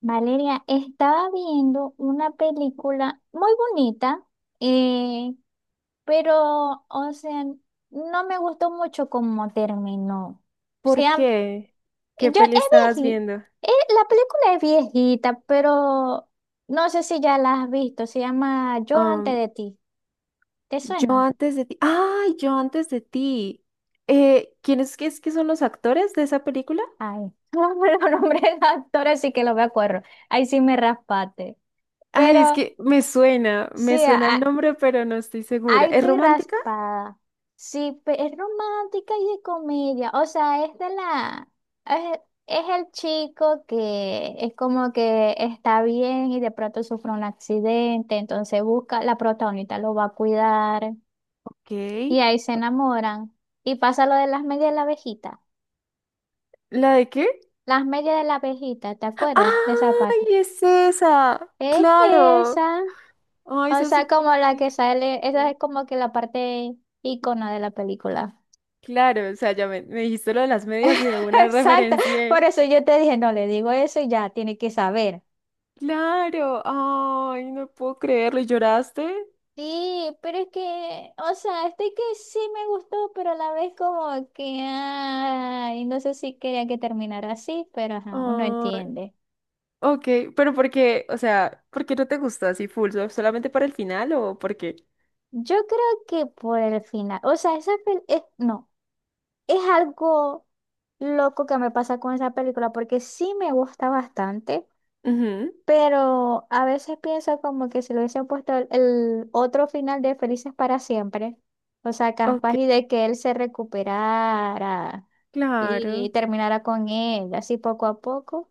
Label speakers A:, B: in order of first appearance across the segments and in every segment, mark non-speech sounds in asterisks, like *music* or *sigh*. A: Valeria, estaba viendo una película muy bonita, eh, pero, o sea, no me gustó mucho cómo terminó. O
B: ¿Por
A: sea,
B: qué?
A: yo
B: ¿Qué peli
A: es
B: estabas
A: viejita,
B: viendo?
A: la película es viejita, pero no sé si ya la has visto. Se llama Yo antes
B: Am,
A: de ti. ¿Te
B: yo
A: suena?
B: antes de ti. ¡Ay, yo antes de ti! ¿Quiénes que es que son los actores de esa película?
A: Ay, *laughs* no me lo nombré el nombre del actor, así que lo me acuerdo. Ahí sí me raspate.
B: Ay, es
A: Pero
B: que me
A: sí,
B: suena el nombre, pero no estoy segura.
A: ay,
B: ¿Es
A: estoy
B: romántica?
A: raspada. Sí, es romántica y de comedia. O sea, Es, es el chico que es como que está bien y de pronto sufre un accidente, entonces busca, la protagonista lo va a cuidar
B: Ok.
A: y ahí se enamoran. Y pasa lo de las medias de la abejita.
B: ¿La de qué?
A: Las medias de la abejita, ¿te acuerdas de esa
B: ¡Ay,
A: parte?
B: es esa!
A: Es
B: ¡Claro!
A: esa.
B: ¡Ay,
A: O
B: esa es
A: sea,
B: súper
A: como la que sale, esa
B: triste!
A: es como que la parte ícono de la película.
B: Claro, o sea, ya me dijiste lo de las medias y de
A: *laughs*
B: una
A: Exacto.
B: referencié.
A: Por eso yo te dije, no le digo eso y ya tiene que saber.
B: ¡Claro! ¡Ay, no puedo creerlo! ¿Y lloraste?
A: Sí, pero es que, o sea, este que sí me gustó, pero a la vez como que, ay, no sé si quería que terminara así, pero ajá, uno
B: ¡Ay!
A: entiende.
B: Ok, pero ¿por qué? O sea, ¿por qué no te gustó así full? ¿Solamente para el final o por qué?
A: Yo creo que por el final, o sea, esa pel- es, no, es algo loco que me pasa con esa película, porque sí me gusta bastante.
B: Ujú.
A: Pero a veces pienso como que si le hubiesen puesto el otro final de Felices para siempre, o sea, capaz
B: Ok,
A: y de que él se recuperara y
B: claro.
A: terminara con ella, así poco a poco.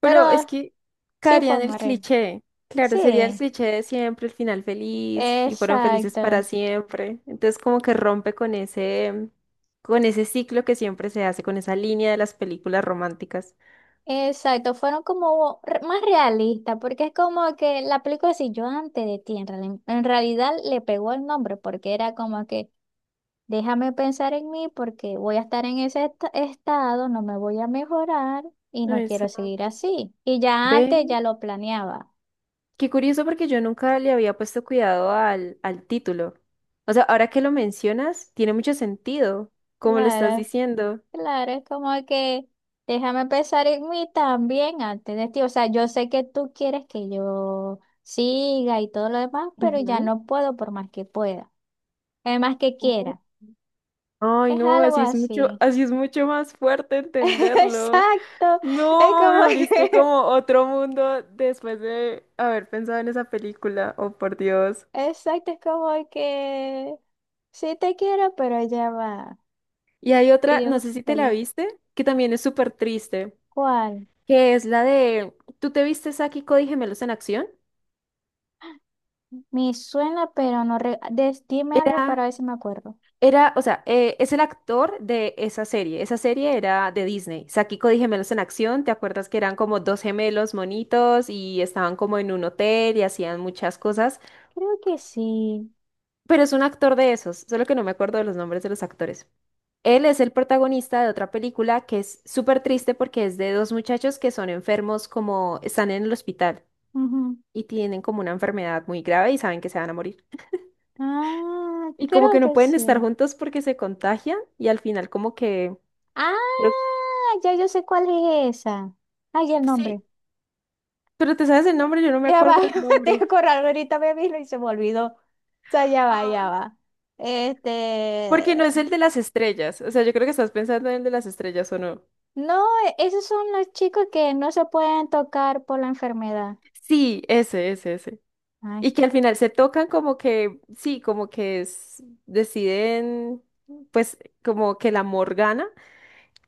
B: Pero es
A: Pero
B: que
A: sí
B: caería
A: fue
B: en el
A: Marel.
B: cliché. Claro, sería el
A: Sí,
B: cliché de siempre, el final feliz, y fueron felices para
A: exacto.
B: siempre. Entonces, como que rompe con ese ciclo que siempre se hace, con esa línea de las películas románticas.
A: Exacto, fueron como más realistas, porque es como que la película si yo antes de ti, en realidad le pegó el nombre, porque era como que déjame pensar en mí porque voy a estar en ese estado, no me voy a mejorar y no quiero seguir
B: Exacto.
A: así. Y ya
B: Ve,
A: antes ya lo planeaba.
B: qué curioso porque yo nunca le había puesto cuidado al título. O sea, ahora que lo mencionas, tiene mucho sentido, como lo estás
A: Claro,
B: diciendo.
A: claro, es como que déjame pensar en mí también antes de ti. O sea, yo sé que tú quieres que yo siga y todo lo demás, pero ya
B: Ujú.
A: no puedo por más que pueda, es más que
B: Uy,
A: quiera.
B: ay,
A: Es
B: no,
A: algo así.
B: así es mucho más fuerte
A: *laughs*
B: entenderlo.
A: Exacto, es
B: No, me
A: como
B: abriste
A: que,
B: como otro mundo después de haber pensado en esa película. Oh, por Dios.
A: *laughs* exacto, es como que sí te quiero, pero ya va.
B: Y hay otra,
A: Y
B: no
A: yo,
B: sé si te la
A: vale,
B: viste, que también es súper triste,
A: ¿cuál?
B: que es la de, ¿tú te viste Saki y Cody Gemelos en Acción?
A: Me suena, pero no... dime algo para
B: Era,
A: ver si me acuerdo.
B: era, o sea, es el actor de esa serie. Esa serie era de Disney. Saki y Cody Gemelos en Acción, ¿te acuerdas que eran como dos gemelos monitos y estaban como en un hotel y hacían muchas cosas?
A: Creo que sí.
B: Pero es un actor de esos, solo que no me acuerdo de los nombres de los actores. Él es el protagonista de otra película que es súper triste porque es de dos muchachos que son enfermos como están en el hospital
A: Ujú.
B: y tienen como una enfermedad muy grave y saben que se van a morir.
A: Ah,
B: Y como
A: creo
B: que no
A: que
B: pueden estar
A: sí.
B: juntos porque se contagian y al final como que...
A: Ah,
B: Creo
A: ya yo sé cuál es esa. Ay, el
B: que sí,
A: nombre.
B: pero ¿te sabes el nombre? Yo no me
A: Ya va,
B: acuerdo el
A: *laughs* te voy a
B: nombre.
A: acordar, ahorita me vino y se me olvidó. O sea, ya va, ya
B: Ah.
A: va.
B: Porque no
A: Este,
B: es el de las estrellas. O sea, yo creo que estás pensando en el de las estrellas, ¿o no?
A: no, esos son los chicos que no se pueden tocar por la enfermedad.
B: Sí, ese, ese.
A: Ay.
B: Y que al final se tocan como que, sí, como que deciden, pues como que el amor gana,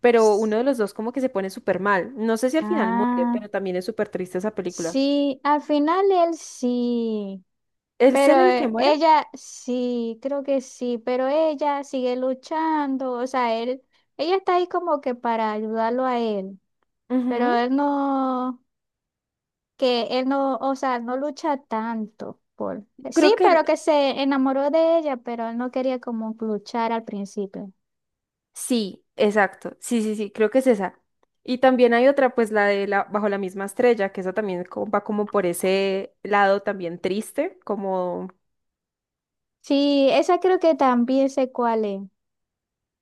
B: pero uno de los dos como que se pone súper mal. No sé si al final muere,
A: Ah,
B: pero también es súper triste esa película.
A: sí, al final él sí,
B: ¿Es
A: pero
B: él el que muere?
A: ella sí, creo que sí, pero ella sigue luchando, o sea, ella está ahí como que para ayudarlo a él, pero
B: Ujú.
A: él no, que él no, o sea, no lucha tanto por, sí,
B: Creo que el-
A: pero que se enamoró de ella, pero él no quería como luchar al principio.
B: sí, exacto. Sí, sí, sí, creo que es esa. Y también hay otra, pues la de la, Bajo la misma estrella, que esa también va como por ese lado también triste, como...
A: Sí, esa creo que también sé cuál es.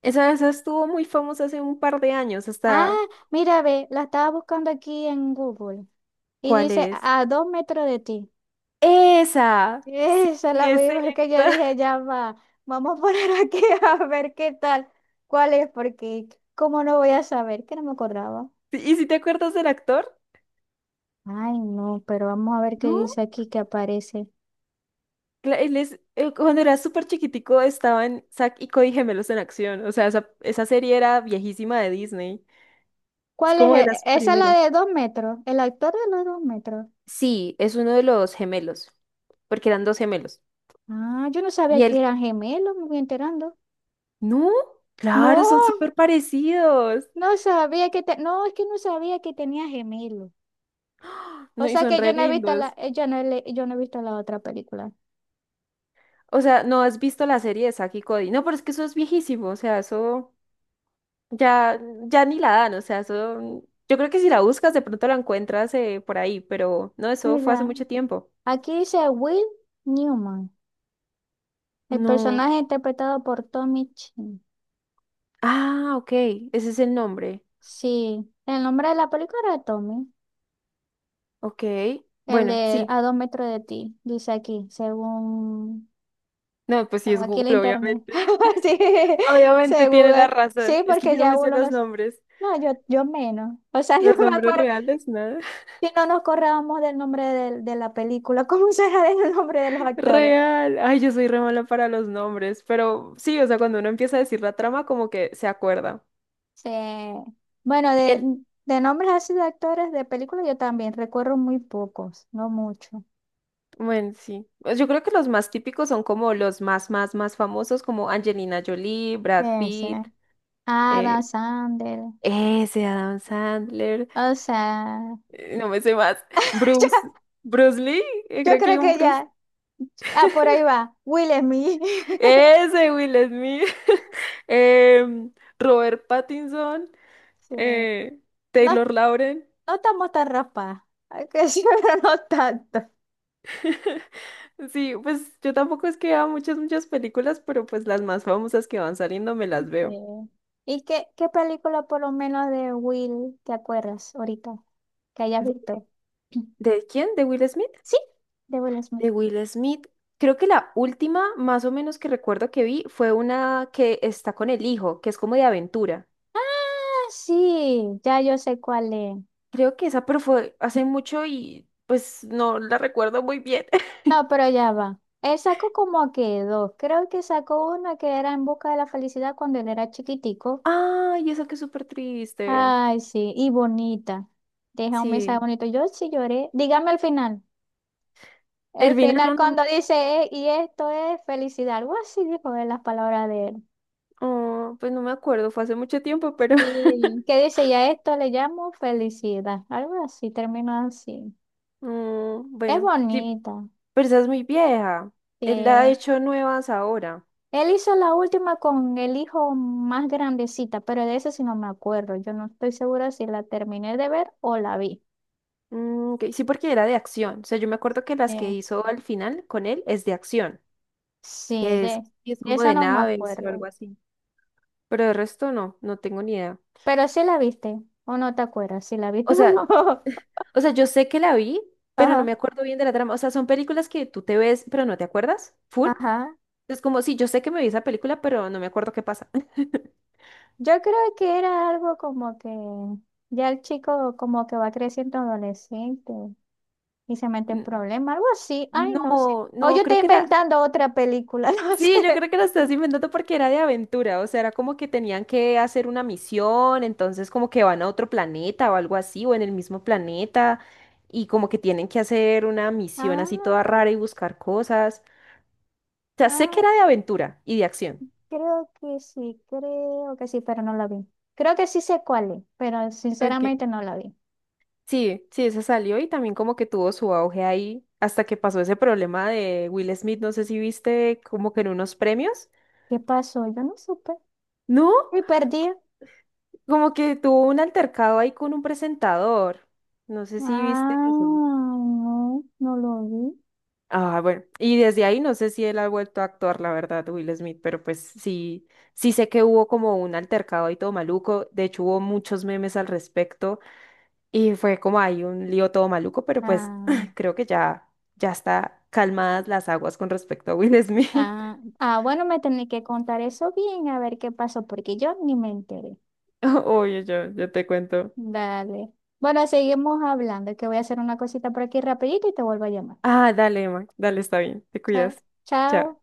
B: Esa estuvo muy famosa hace un par de años,
A: Ah,
B: hasta...
A: mira, ve, la estaba buscando aquí en Google. Y
B: ¿Cuál
A: dice,
B: es?
A: a dos metros de ti.
B: Esa,
A: *laughs*
B: sí,
A: Esa la
B: es
A: voy a
B: esa.
A: ver que yo dije,
B: *laughs*
A: ya va, vamos a poner aquí *laughs* a ver qué tal, cuál es, porque cómo no voy a saber, que no me acordaba.
B: Sí, ¿y si te acuerdas del actor?
A: Ay, no, pero vamos a ver qué
B: No,
A: dice aquí que aparece.
B: Él es, él cuando era súper chiquitico estaba en Zack y Cody Gemelos en Acción. O sea, esa serie era viejísima de Disney. Es
A: ¿Cuál es?
B: como de las
A: Esa es la
B: primeras.
A: de dos metros, el actor de los dos metros.
B: Sí, es uno de los gemelos, porque eran dos gemelos.
A: Ah, yo no
B: Y
A: sabía que
B: él,
A: eran gemelos, me voy enterando.
B: no, claro,
A: No,
B: son súper parecidos.
A: no sabía que te... no, es que no sabía que tenía gemelos. O
B: No, y
A: sea
B: son
A: que yo
B: re
A: no he visto la,
B: lindos.
A: yo no, yo no he visto la otra película.
B: O sea, no has visto la serie de Zack y Cody. No, pero es que eso es viejísimo. O sea, eso. Ya, ya ni la dan, o sea, eso, yo creo que si la buscas de pronto la encuentras por ahí, pero no, eso fue hace
A: Mira.
B: mucho tiempo.
A: Aquí dice Will Newman, el
B: No.
A: personaje interpretado por Tommy Chin.
B: Ah, ok, ese es el nombre.
A: Sí, el nombre de la película era Tommy,
B: Ok,
A: el
B: bueno,
A: de
B: sí.
A: A dos metros de ti, dice aquí, según
B: No, pues sí
A: no,
B: es
A: aquí el
B: Google,
A: internet.
B: obviamente.
A: *laughs* Sí,
B: Obviamente
A: según,
B: tiene la razón.
A: sí,
B: Es que
A: porque
B: yo no
A: ya
B: me sé
A: uno
B: los
A: los...
B: nombres.
A: No, yo menos. O sea, *laughs* yo
B: Los
A: me
B: nombres
A: acuerdo,
B: reales, nada. *laughs*
A: si no nos corrábamos del nombre de, la película, *laughs* ¿cómo será el nombre de los actores?
B: Real. Ay, yo soy re mala para los nombres, pero sí, o sea, cuando uno empieza a decir la trama, como que se acuerda.
A: Sí. Bueno,
B: Y el
A: de nombres así de actores de películas yo también recuerdo muy pocos, no mucho.
B: bueno, sí. Pues yo creo que los más típicos son como los más, más, más famosos, como Angelina Jolie, Brad
A: Ese.
B: Pitt,
A: Adam
B: eh,
A: Sandler.
B: ese Adam Sandler,
A: O sea,
B: no me sé más,
A: *laughs* ya,
B: Bruce, Bruce Lee,
A: yo
B: creo que
A: creo
B: hay un
A: que
B: Bruce,
A: ya. Ah, por ahí va. Will Smith. *laughs*
B: ese Will Smith, *laughs* em, Robert Pattinson,
A: Sí. No,
B: eh, Taylor Lauren.
A: no estamos tan raspadas. Hay que decir, *laughs* pero no tanto.
B: Sí, pues yo tampoco es que vea muchas, muchas películas, pero pues las más famosas que van saliendo me
A: Sí.
B: las veo.
A: ¿Y qué película por lo menos de Will te acuerdas ahorita que hayas
B: ¿De,
A: visto? *clears throat*
B: ¿de quién? ¿De Will Smith?
A: Sí, de Will Smith.
B: De Will Smith, creo que la última, más o menos que recuerdo que vi, fue una que está con el hijo, que es como de aventura.
A: Ah, sí, ya yo sé cuál es.
B: Creo que esa, pero fue hace mucho y pues no la recuerdo muy bien.
A: No,
B: *laughs*
A: pero ya va. Él sacó como que dos. Creo que sacó una que era En busca de la felicidad cuando él era chiquitico.
B: Ay, esa que es súper triste.
A: Ay, sí, y bonita. Deja un mensaje
B: Sí.
A: bonito. Yo sí lloré. Dígame el final. El
B: Elvina,
A: final
B: no,
A: cuando dice, y esto es felicidad. Algo así dijo él las palabras de él.
B: oh, pues no me acuerdo, fue hace mucho tiempo, pero *laughs*
A: Y que dice, ya esto le llamo felicidad. Algo así, terminó así. Es
B: bueno, sí,
A: bonita.
B: pero esa es muy vieja.
A: Sí.
B: Él la ha hecho nuevas ahora.
A: Él hizo la última con el hijo más grandecita, pero de ese sí no me acuerdo. Yo no estoy segura si la terminé de ver o la vi.
B: Mm, ok, sí, porque era de acción. O sea, yo me acuerdo que las que
A: Eh,
B: hizo al final con él es de acción,
A: sí,
B: que es, y es
A: de
B: como
A: esa
B: de
A: no me
B: naves o
A: acuerdo.
B: algo así. Pero el resto no, no tengo ni idea.
A: Pero sí la viste, o no te acuerdas si la viste *laughs*
B: O
A: o
B: sea,
A: no.
B: o sea, yo sé que la vi, pero no me
A: Ajá,
B: acuerdo bien de la trama. O sea, son películas que tú te ves, pero no te acuerdas, full.
A: ajá.
B: Es como, sí, yo sé que me vi esa película, pero no me acuerdo qué pasa. *laughs*
A: Yo creo que era algo como que ya el chico como que va creciendo adolescente y se mete en
B: N-
A: problemas, algo así. Ay, no sé.
B: No,
A: O yo
B: no,
A: estoy
B: creo que era
A: inventando otra película, *laughs* no sé.
B: sí, yo creo que lo estás inventando porque era de aventura, o sea, era como que tenían que hacer una misión, entonces como que van a otro planeta o algo así, o en el mismo planeta, y como que tienen que hacer una misión así toda rara
A: Ah,
B: y buscar cosas. O sea, sé que
A: ah.
B: era de aventura y de acción.
A: Creo que sí, pero no la vi. Creo que sí sé cuál es, pero
B: Ok.
A: sinceramente no la vi.
B: Sí, sí, esa salió y también como que tuvo su auge ahí hasta que pasó ese problema de Will Smith, no sé si viste como que en unos premios,
A: ¿Qué pasó? Yo no supe.
B: ¿no?
A: Me perdí.
B: Como que tuvo un altercado ahí con un presentador, no sé si viste
A: Ah,
B: eso.
A: no, no lo vi.
B: Ah, bueno, y desde ahí no sé si él ha vuelto a actuar, la verdad, Will Smith, pero pues sí, sí sé que hubo como un altercado y todo maluco, de hecho hubo muchos memes al respecto y fue como ahí un lío todo maluco, pero pues
A: Ah,
B: *clears throat* creo que ya, ya está calmadas las aguas con respecto a Will Smith.
A: bueno, me tenés que contar eso bien, a ver qué pasó, porque yo ni me enteré.
B: *laughs* Oye, yo te cuento.
A: Dale. Bueno, seguimos hablando, que voy a hacer una cosita por aquí rapidito y te vuelvo a llamar.
B: Ah, dale, Emma, dale, está bien, te
A: Cha-
B: cuidas. Chao.
A: Chao.